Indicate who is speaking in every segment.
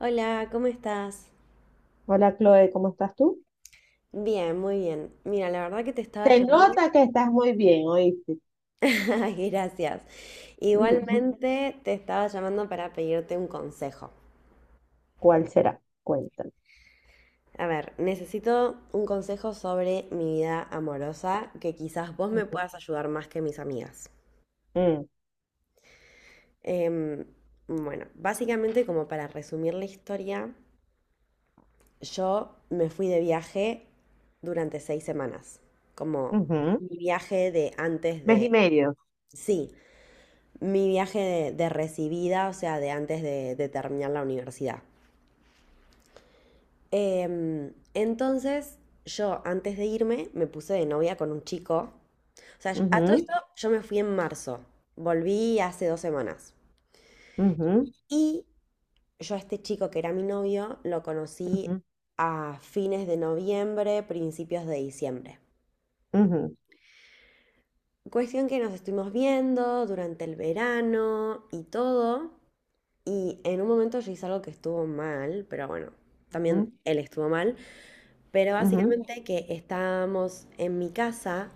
Speaker 1: Hola, ¿cómo estás?
Speaker 2: Hola Chloe, ¿cómo estás tú?
Speaker 1: Bien, muy bien. Mira, la verdad que te estaba
Speaker 2: Se
Speaker 1: llamando.
Speaker 2: nota que estás muy bien, ¿oíste?
Speaker 1: Ay, gracias. Igualmente te estaba llamando para pedirte un consejo.
Speaker 2: ¿Cuál será? Cuéntame.
Speaker 1: A ver, necesito un consejo sobre mi vida amorosa que quizás vos me
Speaker 2: Ujú,
Speaker 1: puedas ayudar más que mis amigas.
Speaker 2: mm,
Speaker 1: Em, bueno, básicamente como para resumir la historia, yo me fui de viaje durante 6 semanas, como
Speaker 2: ujú.
Speaker 1: mi viaje de antes
Speaker 2: Mes y
Speaker 1: de...
Speaker 2: medio.
Speaker 1: Sí, mi viaje de recibida, o sea, de antes de terminar la universidad. Entonces, yo antes de irme me puse de novia con un chico. O sea, a todo
Speaker 2: Ujú,
Speaker 1: esto yo me fui en marzo. Volví hace 2 semanas.
Speaker 2: ujú,
Speaker 1: Y yo a este chico que era mi novio lo conocí
Speaker 2: ujú,
Speaker 1: a fines de noviembre, principios de diciembre.
Speaker 2: ujú,
Speaker 1: Cuestión que nos estuvimos viendo durante el verano y todo. Y en un momento yo hice algo que estuvo mal, pero bueno, también él estuvo mal, pero
Speaker 2: ujú,
Speaker 1: básicamente que estábamos en mi casa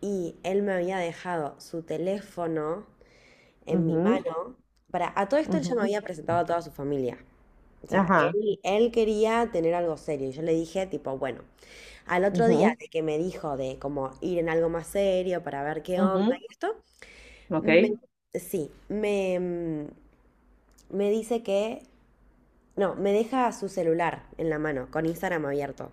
Speaker 1: y él me había dejado su teléfono en
Speaker 2: ujú,
Speaker 1: mi
Speaker 2: ujú,
Speaker 1: mano. Para, a todo esto él ya me
Speaker 2: ujú.
Speaker 1: había presentado a toda su familia. O sea,
Speaker 2: Ajá.
Speaker 1: él quería tener algo serio. Y yo le dije, tipo, bueno, al otro día
Speaker 2: Ujú,
Speaker 1: de que me dijo de como ir en algo más serio para ver qué onda
Speaker 2: ujú.
Speaker 1: y esto, me,
Speaker 2: Ok.
Speaker 1: sí, me dice que no, me deja su celular en la mano, con Instagram abierto.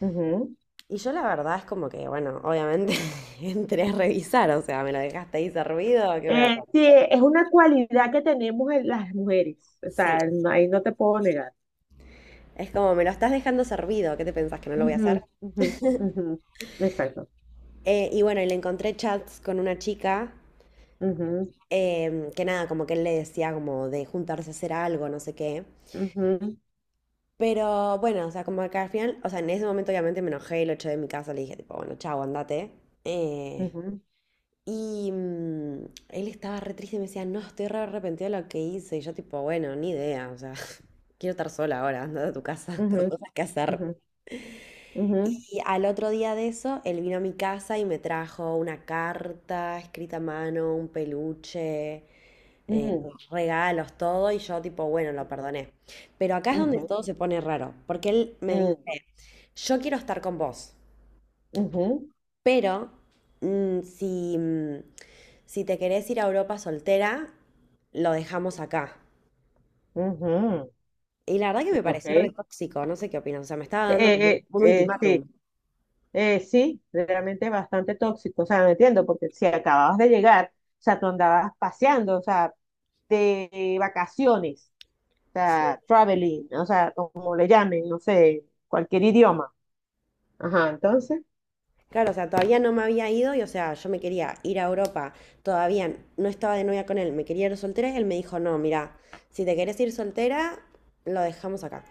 Speaker 2: Ujú.
Speaker 1: Y yo la verdad es como que, bueno, obviamente entré a revisar, o sea, me lo dejaste ahí servido, ¿qué voy a hacer?
Speaker 2: Sí, es una cualidad que tenemos en las mujeres. O
Speaker 1: Sí,
Speaker 2: sea, ahí no te puedo negar.
Speaker 1: es como, me lo estás dejando servido, ¿qué te pensás que no lo voy a
Speaker 2: Ujú,
Speaker 1: hacer?
Speaker 2: ujú, ujú. Exacto.
Speaker 1: Y bueno, y le encontré chats con una chica,
Speaker 2: Ujú,
Speaker 1: que nada, como que él le decía como de juntarse a hacer algo, no sé qué.
Speaker 2: ujú,
Speaker 1: Pero bueno, o sea, como que al final, o sea, en ese momento obviamente me enojé y lo eché de mi casa, le dije tipo, bueno, chao, andate. Eh,
Speaker 2: ujú,
Speaker 1: Y él estaba re triste y me decía, no, estoy re arrepentido de lo que hice. Y yo tipo, bueno, ni idea, o sea, quiero estar sola ahora, anda a tu casa, tengo
Speaker 2: ujú,
Speaker 1: cosas que hacer.
Speaker 2: ujú, ujú,
Speaker 1: Y al otro día de eso, él vino a mi casa y me trajo una carta escrita a mano, un peluche, eh,
Speaker 2: mm,
Speaker 1: regalos, todo. Y yo tipo, bueno, lo perdoné. Pero acá es donde
Speaker 2: ujú,
Speaker 1: todo se pone raro, porque él me
Speaker 2: mm,
Speaker 1: dice, yo quiero estar con vos.
Speaker 2: ujú,
Speaker 1: Pero mm, si, mm, si te querés ir a Europa soltera, lo dejamos acá.
Speaker 2: ujú,
Speaker 1: Y la verdad que me
Speaker 2: ok.
Speaker 1: pareció re tóxico, no sé qué opinas. O sea, me estaba dando como un ultimátum.
Speaker 2: Sí, sí, realmente bastante tóxico. O sea, no entiendo, porque si acababas de llegar, o sea, tú andabas paseando, o sea, de vacaciones, o
Speaker 1: Sí.
Speaker 2: sea, traveling, o sea, como le llamen, no sé, cualquier idioma. Ajá, entonces,
Speaker 1: Claro, o sea, todavía no me había ido y, o sea, yo me quería ir a Europa, todavía no estaba de novia con él, me quería ir soltera y él me dijo, no, mira, si te querés ir soltera, lo dejamos acá.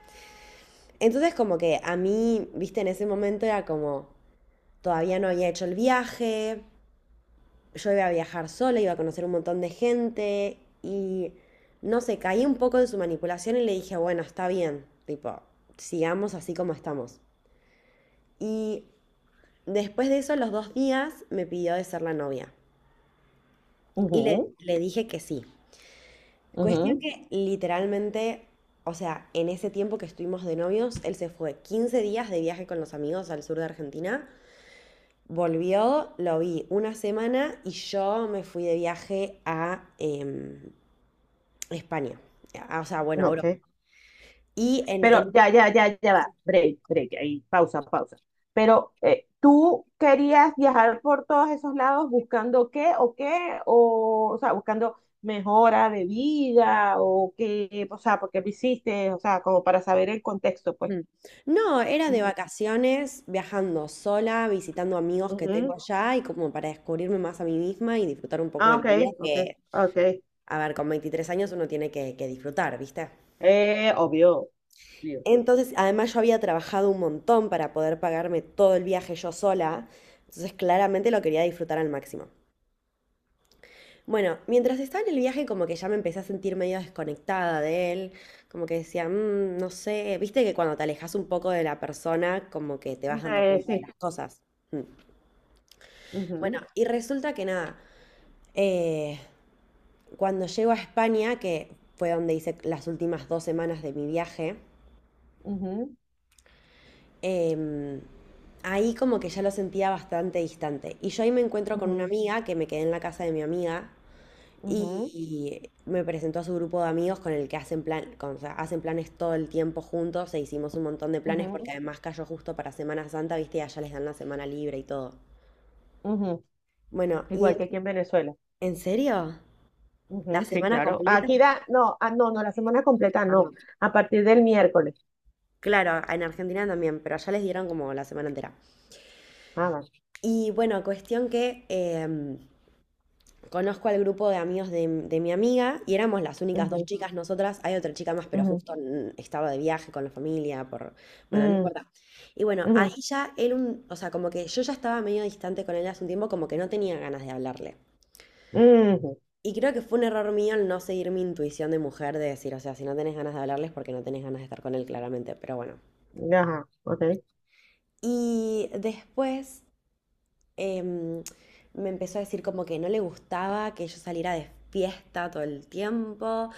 Speaker 1: Entonces, como que a mí, viste, en ese momento era como, todavía no había hecho el viaje, yo iba a viajar sola, iba a conocer un montón de gente y no sé, caí un poco de su manipulación y le dije, bueno, está bien, tipo, sigamos así como estamos. Y después de eso, los dos días, me pidió de ser la novia y
Speaker 2: ujú,
Speaker 1: le dije que sí. Cuestión
Speaker 2: ujú,
Speaker 1: que literalmente, o sea, en ese tiempo que estuvimos de novios, él se fue 15 días de viaje con los amigos al sur de Argentina. Volvió, lo vi una semana y yo me fui de viaje a España. Ah, o sea, bueno, Europa.
Speaker 2: ok.
Speaker 1: Y en,
Speaker 2: Pero
Speaker 1: en-
Speaker 2: ya, ya, ya, ya va. Break, break, ahí, pausa, pausa. Pero ¿tú querías viajar por todos esos lados buscando qué o qué? O sea, buscando mejora de vida o qué, o sea, porque lo hiciste, o sea, como para saber el contexto, pues.
Speaker 1: Mm. No, era de
Speaker 2: Ujú,
Speaker 1: vacaciones, viajando sola, visitando amigos que tengo
Speaker 2: ujú.
Speaker 1: allá y como para descubrirme más a mí misma y disfrutar un poco de
Speaker 2: Ah,
Speaker 1: la
Speaker 2: ok,
Speaker 1: vida
Speaker 2: ok,
Speaker 1: que,
Speaker 2: ok.
Speaker 1: a ver, con 23 años uno tiene que disfrutar, ¿viste?
Speaker 2: Obvio, obvio.
Speaker 1: Entonces, además yo había trabajado un montón para poder pagarme todo el viaje yo sola, entonces claramente lo quería disfrutar al máximo. Bueno, mientras estaba en el viaje como que ya me empecé a sentir medio desconectada de él, como que decía, "Mm, no sé, viste que cuando te alejas un poco de la persona como que te vas dando cuenta de
Speaker 2: Sí.
Speaker 1: las cosas." Mm. Bueno,
Speaker 2: Ujú,
Speaker 1: y resulta que nada, eh, cuando llego a España, que fue donde hice las últimas 2 semanas de mi viaje,
Speaker 2: ujú,
Speaker 1: em, ahí como que ya lo sentía bastante distante. Y yo ahí me encuentro con una
Speaker 2: ujú,
Speaker 1: amiga que me quedé en la casa de mi amiga.
Speaker 2: ujú,
Speaker 1: Y me presentó a su grupo de amigos con el que hacen plan, o sea, hacen planes todo el tiempo juntos e hicimos un montón de planes porque
Speaker 2: ujú,
Speaker 1: además cayó justo para Semana Santa, viste, y allá les dan la semana libre y todo.
Speaker 2: ujú.
Speaker 1: Bueno,
Speaker 2: Igual que aquí en Venezuela.
Speaker 1: ¿en serio? ¿La
Speaker 2: Ujú, sí,
Speaker 1: semana
Speaker 2: claro.
Speaker 1: completa?
Speaker 2: Aquí da, no, ah, no, no, la semana completa
Speaker 1: Ah,
Speaker 2: no, a partir del miércoles.
Speaker 1: claro, en Argentina también, pero allá les dieron como la semana entera.
Speaker 2: Ah, vale.
Speaker 1: Y bueno, cuestión que conozco al grupo de amigos de mi amiga y éramos las únicas dos
Speaker 2: Ujú,
Speaker 1: chicas nosotras. Hay otra chica más, pero
Speaker 2: ujú,
Speaker 1: justo estaba de viaje con la familia, por... Bueno, no
Speaker 2: mm,
Speaker 1: importa. Y bueno,
Speaker 2: ujú,
Speaker 1: ahí ya él, o sea, como que yo ya estaba medio distante con él hace un tiempo, como que no tenía ganas de hablarle. Y creo que fue un error mío el no seguir mi intuición de mujer de decir, o sea, si no tenés ganas de hablarles porque no tenés ganas de estar con él claramente, pero bueno.
Speaker 2: ujú. Ajá, ok.
Speaker 1: Y después em, me empezó a decir como que no le gustaba que yo saliera de fiesta todo el tiempo,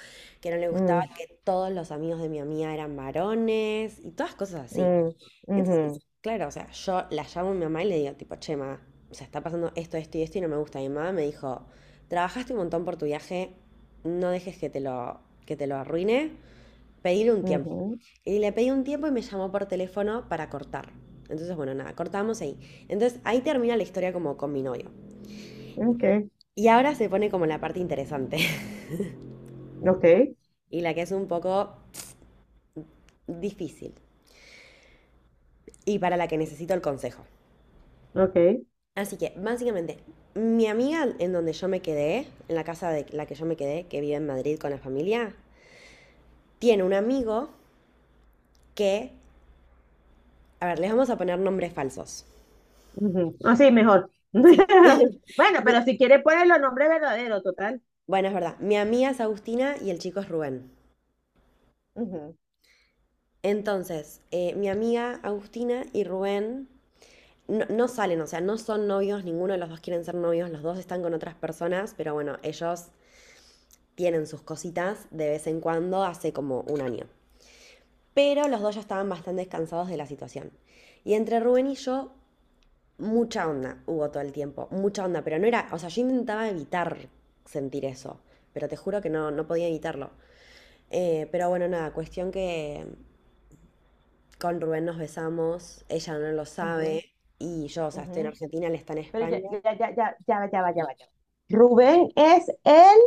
Speaker 1: que no le gustaba
Speaker 2: Mm,
Speaker 1: que todos los amigos de mi amiga eran varones y todas cosas así.
Speaker 2: mm, ujú,
Speaker 1: Entonces, claro, o sea, yo la llamo a mi mamá y le digo tipo, che, ma, o sea, está pasando esto, esto y esto y no me gusta. Y mi mamá me dijo, trabajaste un montón por tu viaje, no dejes que que te lo arruine pedirle un tiempo.
Speaker 2: ujú.
Speaker 1: Y le pedí un tiempo y me llamó por teléfono para cortar. Entonces, bueno, nada, cortamos ahí. Entonces, ahí termina la historia como con mi novio.
Speaker 2: Ok,
Speaker 1: Y ahora se pone como la parte interesante
Speaker 2: ok,
Speaker 1: y la que es un poco difícil y para la que necesito el consejo.
Speaker 2: ok.
Speaker 1: Así que, básicamente, mi amiga en donde yo me quedé, en la casa de la que yo me quedé, que vive en Madrid con la familia, tiene un amigo que, a ver, les vamos a poner nombres falsos.
Speaker 2: Ujú. Ah, sí, mejor.
Speaker 1: Sí.
Speaker 2: Bueno,
Speaker 1: Mi-
Speaker 2: pero si quiere poner los nombres verdaderos, total.
Speaker 1: Bueno, es verdad. Mi amiga es Agustina y el chico es Rubén.
Speaker 2: Ujú,
Speaker 1: Entonces, mi amiga Agustina y Rubén no, no salen, o sea, no son novios, ninguno de los dos quieren ser novios, los dos están con otras personas, pero bueno, ellos tienen sus cositas de vez en cuando, hace como un año. Pero los dos ya estaban bastante cansados de la situación. Y entre Rubén y yo, mucha onda hubo todo el tiempo, mucha onda, pero no era, o sea, yo intentaba evitar sentir eso, pero te juro que no, no podía evitarlo. Pero bueno, nada, cuestión que con Rubén nos besamos, ella no lo
Speaker 2: ujú,
Speaker 1: sabe y yo, o sea, estoy en
Speaker 2: ujú.
Speaker 1: Argentina, él está en
Speaker 2: Pero ya,
Speaker 1: España.
Speaker 2: ya, ya, ya, ya, va, ya, va, ya, va, ya, va. Rubén es el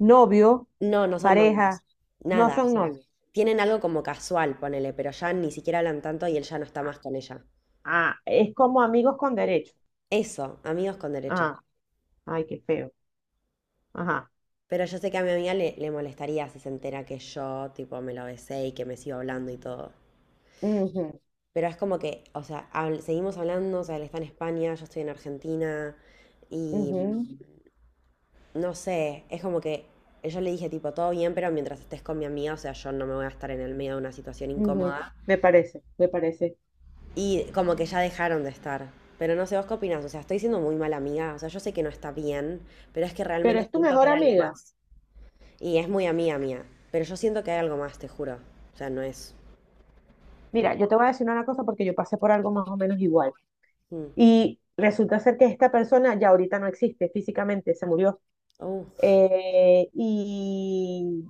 Speaker 2: novio,
Speaker 1: No, no son novios,
Speaker 2: pareja, no
Speaker 1: nada, o
Speaker 2: son
Speaker 1: sea,
Speaker 2: novios.
Speaker 1: tienen algo como casual, ponele, pero ya ni siquiera hablan tanto y él ya no está más con ella.
Speaker 2: Ah, es como amigos con derecho.
Speaker 1: Eso, amigos con derecho.
Speaker 2: Ah, ay, qué feo. Ajá.
Speaker 1: Pero yo sé que a mi amiga le molestaría si se entera que yo, tipo, me lo besé y que me sigo hablando y todo.
Speaker 2: Ujú,
Speaker 1: Pero es como que, o sea, seguimos hablando, o sea, él está en España, yo estoy en Argentina y
Speaker 2: ujú,
Speaker 1: no sé, es como que yo le dije tipo, todo bien, pero mientras estés con mi amiga, o sea, yo no me voy a estar en el medio de una situación
Speaker 2: ujú.
Speaker 1: incómoda.
Speaker 2: Me parece, me parece.
Speaker 1: Y como que ya dejaron de estar. Pero no sé, ¿vos qué opinás? O sea, estoy siendo muy mala amiga, o sea, yo sé que no está bien, pero es que
Speaker 2: Pero
Speaker 1: realmente
Speaker 2: es tu
Speaker 1: siento que
Speaker 2: mejor
Speaker 1: hay algo
Speaker 2: amiga.
Speaker 1: más. Y es muy amiga mía, pero yo siento que hay algo más, te juro. O sea, no es...
Speaker 2: Mira, yo te voy a decir una cosa porque yo pasé por algo más o menos igual.
Speaker 1: Mm,
Speaker 2: Y resulta ser que esta persona ya ahorita no existe físicamente, se murió.
Speaker 1: oh,
Speaker 2: Y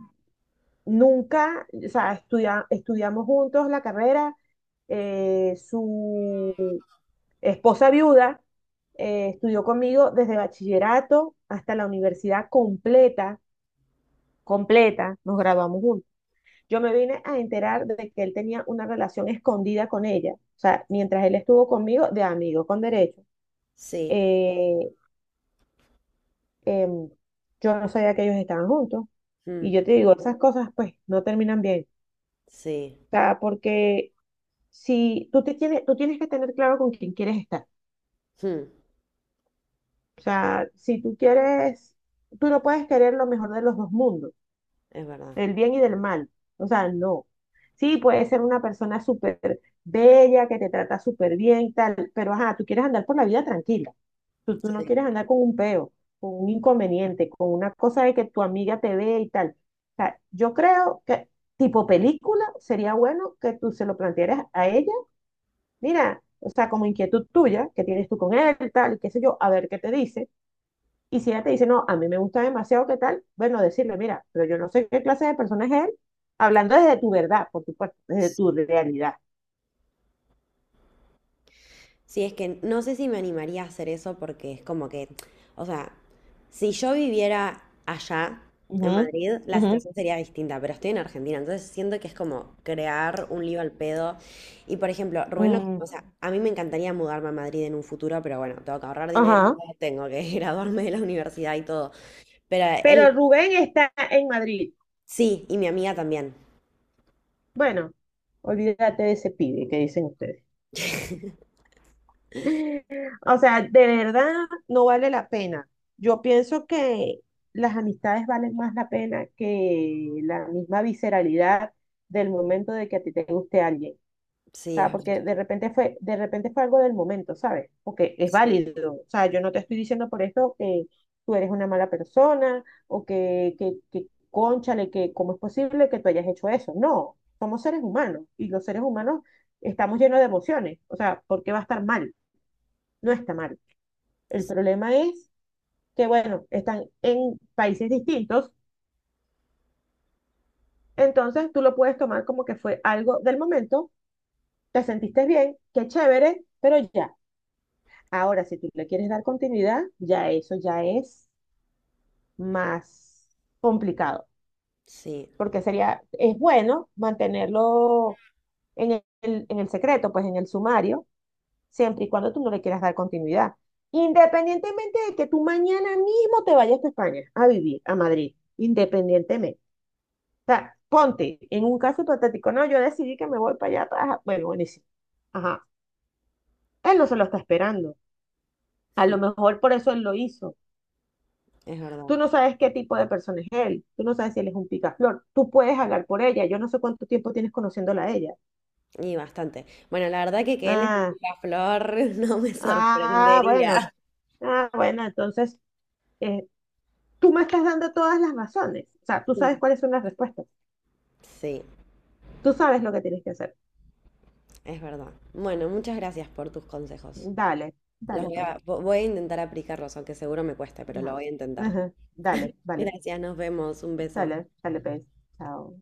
Speaker 2: nunca, o sea, estudiamos juntos la carrera. Su, esposa viuda, estudió conmigo desde bachillerato hasta la universidad completa, completa, nos graduamos juntos. Yo me vine a enterar de que él tenía una relación escondida con ella, o sea, mientras él estuvo conmigo de amigo con derecho.
Speaker 1: sí,
Speaker 2: Eh, em, yo no sabía que ellos estaban juntos. Y
Speaker 1: mm,
Speaker 2: yo te digo, esas cosas pues no terminan bien.
Speaker 1: sí,
Speaker 2: O sea, porque si tú tienes que tener claro con quién quieres estar.
Speaker 1: mm,
Speaker 2: O sea, si tú quieres, tú no puedes querer lo mejor de los dos mundos,
Speaker 1: es verdad.
Speaker 2: del bien y del mal. O sea, no. Sí, puede ser una persona súper bella, que te trata súper bien, y tal, pero ajá, tú quieres andar por la vida tranquila. Tú no quieres
Speaker 1: Sí.
Speaker 2: andar con un peo, con un inconveniente, con una cosa de que tu amiga te ve y tal. O sea, yo creo que tipo película sería bueno que tú se lo plantearas a ella. Mira, o sea, como inquietud tuya, que tienes tú con él, tal, y qué sé yo, a ver qué te dice y si ella te dice, no, a mí me gusta demasiado, ¿qué tal? Bueno, decirle, mira, pero yo no sé qué clase de persona es él, hablando desde tu verdad, por supuesto, desde tu realidad.
Speaker 1: Sí, es que no sé si me animaría a hacer eso porque es como que, o sea, si yo viviera allá en
Speaker 2: Ujú,
Speaker 1: Madrid, la
Speaker 2: ujú,
Speaker 1: situación sería distinta, pero estoy en Argentina, entonces siento que es como crear un lío al pedo. Y por ejemplo, Rubén, o
Speaker 2: mm,
Speaker 1: sea, a mí me encantaría mudarme a Madrid en un futuro, pero bueno, tengo que ahorrar dinero,
Speaker 2: ajá.
Speaker 1: tengo que graduarme de la universidad y todo. Pero
Speaker 2: Pero
Speaker 1: él
Speaker 2: Rubén está en Madrid.
Speaker 1: sí, y mi amiga también.
Speaker 2: Bueno, olvídate de ese pibe que dicen ustedes. O sea, de verdad no vale la pena. Yo pienso que las amistades valen más la pena que la misma visceralidad del momento de que a ti te guste alguien.
Speaker 1: Sí,
Speaker 2: Sea,
Speaker 1: es
Speaker 2: porque
Speaker 1: verdad.
Speaker 2: de repente fue algo del momento, ¿sabes? Porque es
Speaker 1: Sí,
Speaker 2: válido. O sea, yo no te estoy diciendo por esto que tú eres una mala persona o que cónchale, que cómo es posible que tú hayas hecho eso. No, somos seres humanos y los seres humanos estamos llenos de emociones. O sea, ¿por qué va a estar mal? No está mal. El
Speaker 1: sí,
Speaker 2: problema es que, bueno, están en países distintos, entonces tú lo puedes tomar como que fue algo del momento, te sentiste bien, qué chévere, pero ya. Ahora, si tú le quieres dar continuidad, ya eso ya es más complicado,
Speaker 1: sí,
Speaker 2: porque sería, es bueno mantenerlo en el, en el secreto, pues en el sumario, siempre y cuando tú no le quieras dar continuidad. Independientemente de que tú mañana mismo te vayas a España a vivir, a Madrid, independientemente. O sea, ponte, en un caso hipotético, no, yo decidí que me voy para allá, bueno, buenísimo. Ajá, él no se lo está esperando. A lo mejor por eso él lo hizo.
Speaker 1: es verdad.
Speaker 2: Tú no sabes qué tipo de persona es él, tú no sabes si él es un picaflor, tú puedes hablar por ella, yo no sé cuánto tiempo tienes conociéndola a ella.
Speaker 1: Y bastante. Bueno, la verdad que él es un
Speaker 2: Ah,
Speaker 1: picaflor no me
Speaker 2: ah, bueno,
Speaker 1: sorprendería.
Speaker 2: ah, bueno, entonces eh, tú me estás dando todas las razones, o sea, tú sabes cuáles son las respuestas,
Speaker 1: Sí,
Speaker 2: tú sabes lo que tienes que hacer.
Speaker 1: es verdad. Bueno, muchas gracias por tus consejos.
Speaker 2: Dale,
Speaker 1: Los
Speaker 2: dale, pues,
Speaker 1: voy a intentar aplicarlos, aunque seguro me cueste, pero lo
Speaker 2: no.
Speaker 1: voy a intentar.
Speaker 2: Ajá, dale, vale,
Speaker 1: Gracias, nos vemos. Un beso.
Speaker 2: dale, dale, pues, chao.